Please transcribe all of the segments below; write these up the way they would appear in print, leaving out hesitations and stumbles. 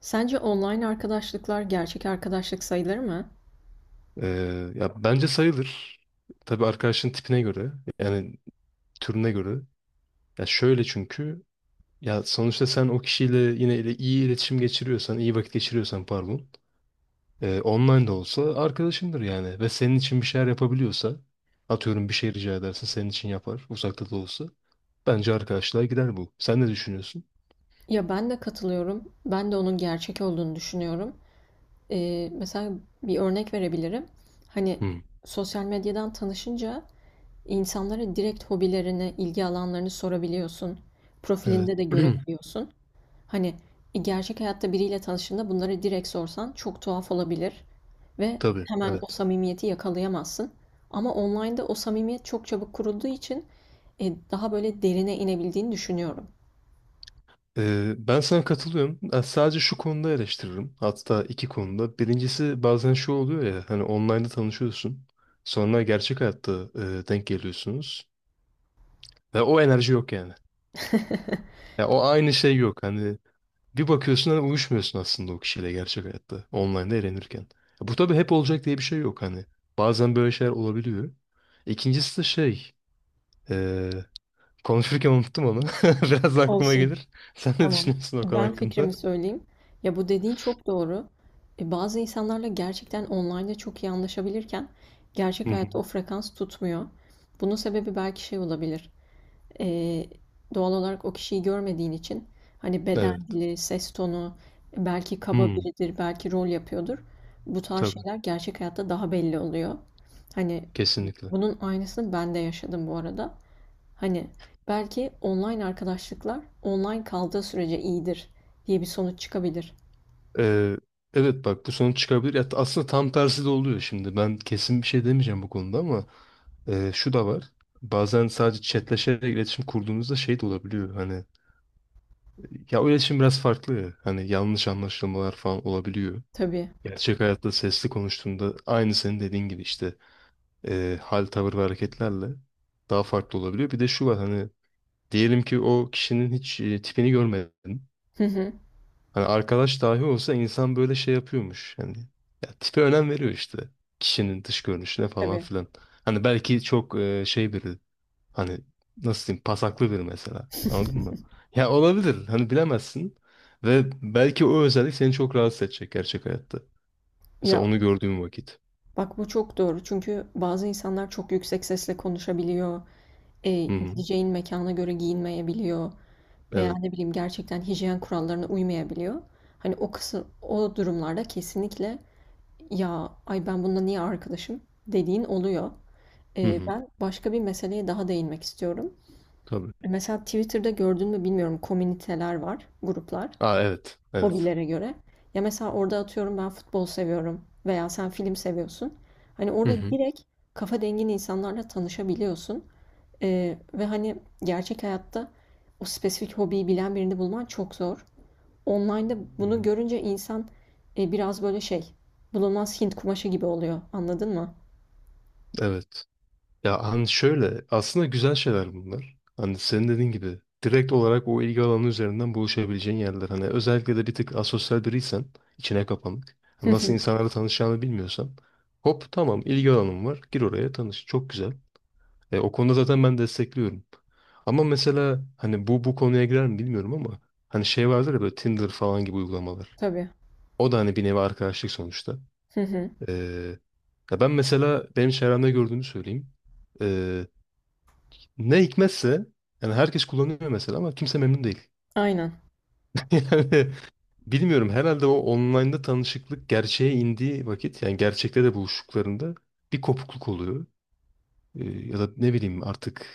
Sence online arkadaşlıklar gerçek arkadaşlık sayılır mı? Ya bence sayılır. Tabii arkadaşın tipine göre, yani türüne göre. Ya şöyle çünkü ya sonuçta sen o kişiyle yine ile iyi iletişim geçiriyorsan, iyi vakit geçiriyorsan pardon, online de olsa arkadaşındır yani ve senin için bir şeyler yapabiliyorsa, atıyorum bir şey rica edersin senin için yapar, uzakta da olsa. Bence arkadaşlığa gider bu. Sen ne düşünüyorsun? Ya ben de katılıyorum. Ben de onun gerçek olduğunu düşünüyorum. Mesela bir örnek verebilirim. Hani Hı. sosyal medyadan tanışınca insanlara direkt hobilerini, ilgi alanlarını sorabiliyorsun. Profilinde Evet. de görebiliyorsun. Hani, e, Gerçek hayatta biriyle tanıştığında bunları direkt sorsan çok tuhaf olabilir ve Tabii, hemen o evet. samimiyeti yakalayamazsın. Ama online'da o samimiyet çok çabuk kurulduğu için, daha böyle derine inebildiğini düşünüyorum. Ben sana katılıyorum. Ben sadece şu konuda eleştiririm. Hatta iki konuda. Birincisi bazen şu oluyor ya hani online'da tanışıyorsun. Sonra gerçek hayatta denk geliyorsunuz. Ve o enerji yok yani. Ya o aynı şey yok. Hani bir bakıyorsun hani uyuşmuyorsun aslında o kişiyle gerçek hayatta. Online'da eğlenirken. Ya bu tabii hep olacak diye bir şey yok hani. Bazen böyle şeyler olabiliyor. İkincisi de şey. E, Konuşurken unuttum onu. Biraz aklıma Olsun, gelir. Sen ne tamam. düşünüyorsun o konu Ben hakkında? fikrimi söyleyeyim. Ya, bu dediğin çok doğru. Bazı insanlarla gerçekten online'da çok iyi anlaşabilirken Hı gerçek hı. hayatta o frekans tutmuyor. Bunun sebebi belki şey olabilir. Ee, Doğal olarak o kişiyi görmediğin için hani beden Evet. dili, ses tonu, belki kaba Hmm, biridir, belki rol yapıyordur. Bu tarz tabii şeyler gerçek hayatta daha belli oluyor. Hani kesinlikle. bunun aynısını ben de yaşadım bu arada. Hani belki online arkadaşlıklar online kaldığı sürece iyidir diye bir sonuç çıkabilir. Ee, evet bak bu sonuç çıkabilir. Ya, aslında tam tersi de oluyor şimdi. Ben kesin bir şey demeyeceğim bu konuda ama şu da var. Bazen sadece chatleşerek iletişim kurduğunuzda şey de olabiliyor. Hani ya o iletişim biraz farklı ya. Hani yanlış anlaşılmalar falan olabiliyor. Tabii. Gerçek hayatta sesli konuştuğunda aynı senin dediğin gibi işte hal, tavır ve hareketlerle daha farklı olabiliyor. Bir de şu var hani diyelim ki o kişinin hiç tipini görmedin. Hı hı. Hani arkadaş dahi olsa insan böyle şey yapıyormuş. Yani ya tipe önem veriyor işte. Kişinin dış görünüşüne falan Tabii. filan. Hani belki çok şey biri hani nasıl diyeyim pasaklı biri mesela. Anladın mı? Ya olabilir. Hani bilemezsin. Ve belki o özellik seni çok rahatsız edecek gerçek hayatta. Mesela Ya onu gördüğüm vakit. bak bu çok doğru. Çünkü bazı insanlar çok yüksek sesle konuşabiliyor. E, Hı hı. Gideceğin mekana göre giyinmeyebiliyor. Veya Evet. ne bileyim gerçekten hijyen kurallarına uymayabiliyor. Hani o kısım, o durumlarda kesinlikle ya ay ben bununla niye arkadaşım dediğin oluyor. Hı hı. Ben başka bir meseleye daha değinmek istiyorum. Tabii. Mesela Twitter'da gördün mü bilmiyorum, komüniteler var, gruplar Aa evet. Evet. hobilere göre. Ya mesela orada atıyorum ben futbol seviyorum veya sen film seviyorsun. Hani Hı orada hı. direkt kafa dengin insanlarla tanışabiliyorsun. Ve hani gerçek hayatta o spesifik hobiyi bilen birini bulman çok zor. Online'da Hı bunu hı. görünce insan biraz böyle şey, bulunmaz Hint kumaşı gibi oluyor. Anladın mı? Evet. Ya hani şöyle aslında güzel şeyler bunlar. Hani senin dediğin gibi direkt olarak o ilgi alanı üzerinden buluşabileceğin yerler. Hani özellikle de bir tık asosyal biriysen içine kapanık. Hı Hani nasıl hı. insanlarla tanışacağını bilmiyorsan hop tamam ilgi alanım var gir oraya tanış çok güzel. O konuda zaten ben destekliyorum. Ama mesela hani bu konuya girer mi bilmiyorum ama hani şey vardır ya böyle Tinder falan gibi uygulamalar. Tabii. O da hani bir nevi arkadaşlık sonuçta. Hı hı. E, Ya ben mesela benim çevremde gördüğümü söyleyeyim. E, Ne hikmetse yani herkes kullanıyor mesela ama kimse memnun değil. Aynen. Yani bilmiyorum herhalde o online'da tanışıklık gerçeğe indiği vakit yani gerçekte de buluştuklarında bir kopukluk oluyor. Ya da ne bileyim artık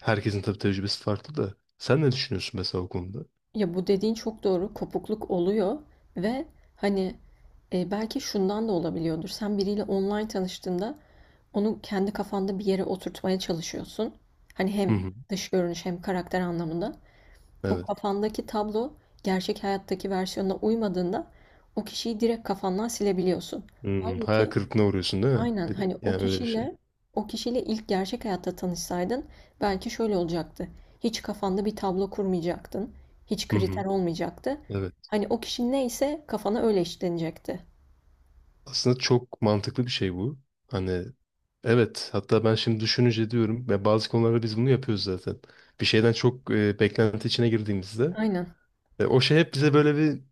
herkesin tabii tecrübesi farklı da sen ne düşünüyorsun mesela o konuda? Ya bu dediğin çok doğru. Kopukluk oluyor ve hani belki şundan da olabiliyordur. Sen biriyle online tanıştığında onu kendi kafanda bir yere oturtmaya çalışıyorsun. Hani Hı hem hı. dış görünüş hem karakter anlamında. O Evet. kafandaki tablo gerçek hayattaki versiyonuna uymadığında o kişiyi direkt kafandan silebiliyorsun. Hmm, hayal Halbuki kırıklığına uğruyorsun değil mi? aynen hani o Yani öyle bir şey. kişiyle o kişiyle ilk gerçek hayatta tanışsaydın belki şöyle olacaktı. Hiç kafanda bir tablo kurmayacaktın. Hiç Hı kriter hı. olmayacaktı. Evet. Hani o kişi neyse kafana öyle işlenecekti. Aslında çok mantıklı bir şey bu. Hani Evet, hatta ben şimdi düşününce diyorum ve bazı konularda biz bunu yapıyoruz zaten. Bir şeyden çok beklenti içine girdiğimizde Aynen. O şey hep bize böyle bir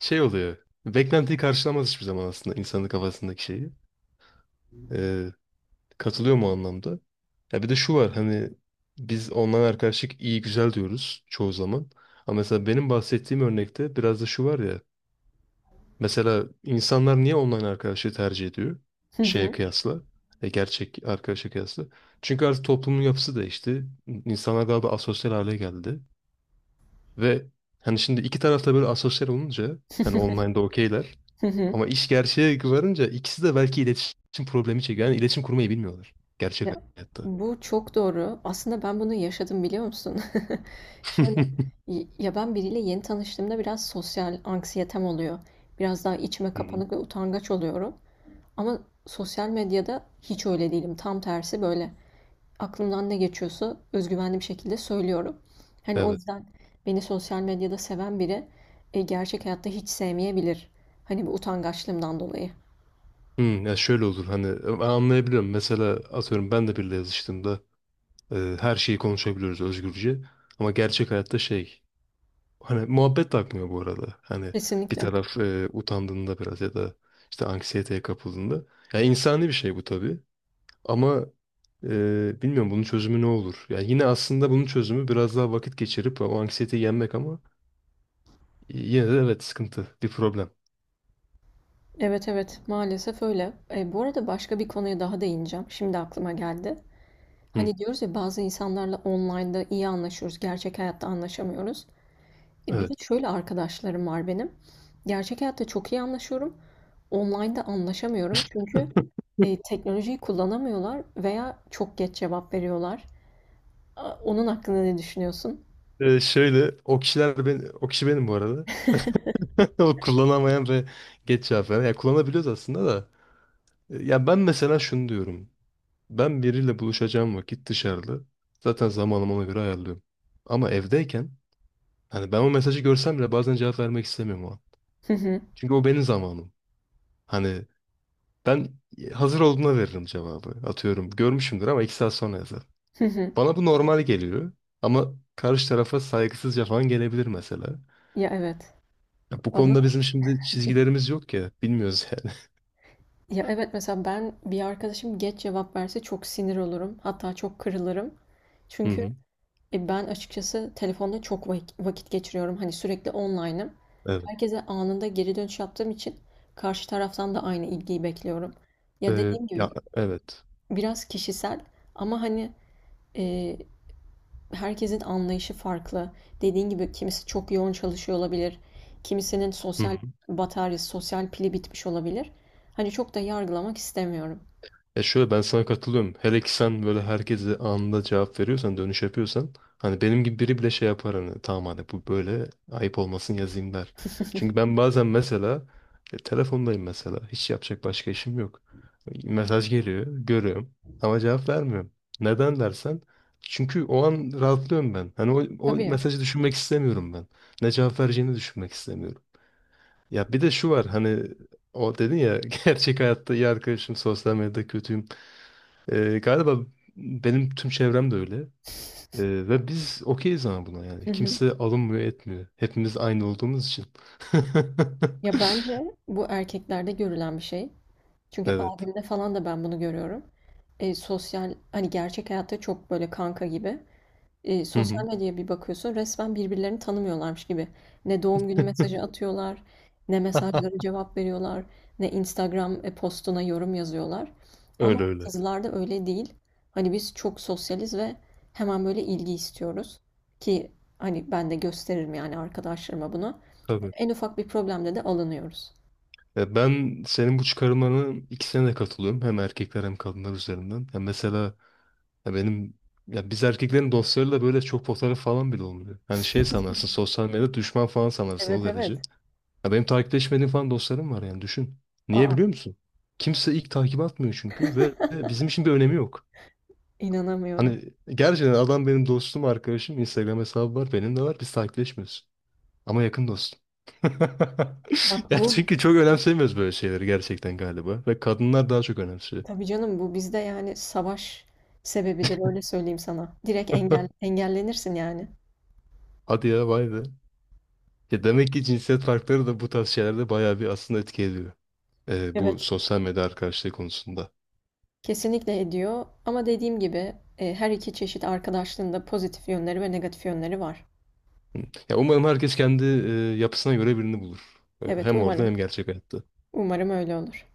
şey oluyor. Beklentiyi karşılamaz hiçbir zaman aslında insanın kafasındaki şeyi. E, Katılıyor mu o anlamda? Ya bir de şu var hani biz online arkadaşlık iyi güzel diyoruz çoğu zaman. Ama mesela benim bahsettiğim örnekte biraz da şu var ya mesela insanlar niye online arkadaşı tercih ediyor? Hı Şeye hı. kıyasla. Gerçek arkadaşa kıyasla. Çünkü artık toplumun yapısı değişti. İnsanlar daha da asosyal hale geldi. Ve hani şimdi iki tarafta böyle asosyal olunca hani online'da okeyler. Hı hı. Ama iş gerçeğe varınca ikisi de belki iletişim problemi çekiyor. Yani iletişim kurmayı bilmiyorlar. Gerçek Ya, hayatta. bu çok doğru. Aslında ben bunu yaşadım biliyor musun? Hı Şöyle ya ben biriyle yeni tanıştığımda biraz sosyal anksiyetem oluyor. Biraz daha içime hı. kapanık ve utangaç oluyorum. Ama sosyal medyada hiç öyle değilim. Tam tersi böyle, aklımdan ne geçiyorsa özgüvenli bir şekilde söylüyorum. Hani o Evet. yüzden beni sosyal medyada seven biri gerçek hayatta hiç sevmeyebilir. Hani bu utangaçlığımdan dolayı. Hmm, ya şöyle olur hani ben anlayabiliyorum. Mesela atıyorum ben de biriyle yazıştığımda her şeyi konuşabiliyoruz özgürce. Ama gerçek hayatta şey hani muhabbet de akmıyor bu arada. Hani bir Kesinlikle. taraf utandığında biraz ya da işte anksiyeteye kapıldığında. Yani insani bir şey bu tabii. Ama bilmiyorum bunun çözümü ne olur? Yani yine aslında bunun çözümü biraz daha vakit geçirip o anksiyeteyi yenmek ama yine de evet sıkıntı, bir problem. Evet, evet, maalesef öyle. Bu arada başka bir konuya daha değineceğim. Şimdi aklıma geldi. Hı, Hani diyoruz ya, bazı insanlarla online'da iyi anlaşıyoruz, gerçek hayatta anlaşamıyoruz. Bir de evet. şöyle arkadaşlarım var benim. Gerçek hayatta çok iyi anlaşıyorum. Online'da anlaşamıyorum çünkü teknolojiyi kullanamıyorlar veya çok geç cevap veriyorlar. A, onun hakkında ne düşünüyorsun? Şöyle o kişiler ben o kişi benim bu arada. O kullanamayan ve geç cevap veren. Ya kullanabiliyoruz aslında da. Ya ben mesela şunu diyorum. Ben biriyle buluşacağım vakit dışarıda. Zaten zamanımı ona göre ayarlıyorum. Ama evdeyken hani ben o mesajı görsem bile bazen cevap vermek istemiyorum o an. Hı hı, Çünkü o benim zamanım. Hani ben hazır olduğuna veririm cevabı. Atıyorum görmüşümdür ama iki saat sonra yazar. hı hı. Bana bu normal geliyor. Ama karşı tarafa saygısızca falan gelebilir mesela. Ya evet. Ya bu Bana konuda bizim şimdi çizgilerimiz yok ya. Bilmiyoruz yani. ya evet, mesela ben bir arkadaşım geç cevap verse çok sinir olurum. Hatta çok kırılırım. Hı Çünkü hı. Ben açıkçası telefonda çok vakit geçiriyorum. Hani sürekli online'ım. Evet. Herkese anında geri dönüş yaptığım için karşı taraftan da aynı ilgiyi bekliyorum. Ya dediğim Ya gibi evet. biraz kişisel, ama hani e, herkesin anlayışı farklı. Dediğim gibi kimisi çok yoğun çalışıyor olabilir. Kimisinin Hı sosyal hı. bataryası, sosyal pili bitmiş olabilir. Hani çok da yargılamak istemiyorum. Ya şöyle ben sana katılıyorum. Hele ki sen böyle herkese anında cevap veriyorsan, dönüş yapıyorsan hani benim gibi biri bile şey yapar hani tamam hani bu böyle ayıp olmasın yazayım der. Çünkü ben bazen mesela telefondayım mesela. Hiç yapacak başka işim yok. Mesaj geliyor, görüyorum ama cevap vermiyorum. Neden dersen çünkü o an rahatlıyorum ben. Hani o Tabii. mesajı düşünmek istemiyorum ben. Ne cevap vereceğini düşünmek istemiyorum. Ya bir de şu var hani o dedin ya gerçek hayatta iyi arkadaşım sosyal medyada kötüyüm. Galiba benim tüm çevrem de öyle. Ve biz okeyiz ama buna yani. Hı hı. Kimse alınmıyor etmiyor. Hepimiz aynı olduğumuz için. Ya bence bu erkeklerde görülen bir şey. Çünkü Evet. abimde falan da ben bunu görüyorum. Sosyal, hani gerçek hayatta çok böyle kanka gibi. Hı Sosyal hı. medyaya bir bakıyorsun, resmen birbirlerini tanımıyorlarmış gibi. Ne doğum günü mesajı atıyorlar, ne mesajlara cevap veriyorlar, ne Instagram postuna yorum yazıyorlar. Ama Öyle öyle. kızlarda öyle değil. Hani biz çok sosyaliz ve hemen böyle ilgi istiyoruz. Ki hani ben de gösteririm yani arkadaşlarıma bunu. Tabii. En ufak bir problemde de alınıyoruz. Ya ben senin bu çıkarımlarına ikisine de katılıyorum. Hem erkekler hem kadınlar üzerinden. Ya mesela ya benim ya biz erkeklerin dostlarıyla böyle çok fotoğraf falan bile olmuyor. Hani şey sanarsın sosyal medyada düşman falan sanarsın o Evet, derece. evet. Ya benim takipleşmediğim falan dostlarım var yani düşün. Niye Aa. biliyor musun? Kimse ilk takip atmıyor çünkü ve bizim için bir önemi yok. İnanamıyorum. Hani gerçekten adam benim dostum, arkadaşım, Instagram hesabı var, benim de var. Biz takipleşmiyoruz. Ama yakın dostum. Bak Ya bu çünkü çok önemsemiyoruz böyle şeyleri gerçekten galiba. Ve kadınlar daha çok önemsiyor. tabii canım, bu bizde yani savaş sebebidir, öyle söyleyeyim sana. Direkt engel, engellenirsin yani. Hadi ya vay be. Ya demek ki cinsiyet farkları da bu tarz şeylerde bayağı bir aslında etki ediyor. Bu Evet, sosyal medya arkadaşlığı konusunda. kesinlikle ediyor, ama dediğim gibi her iki çeşit arkadaşlığın da pozitif yönleri ve negatif yönleri var. Ya umarım herkes kendi yapısına göre birini bulur. Evet Hem orada hem umarım, gerçek hayatta. umarım öyle olur.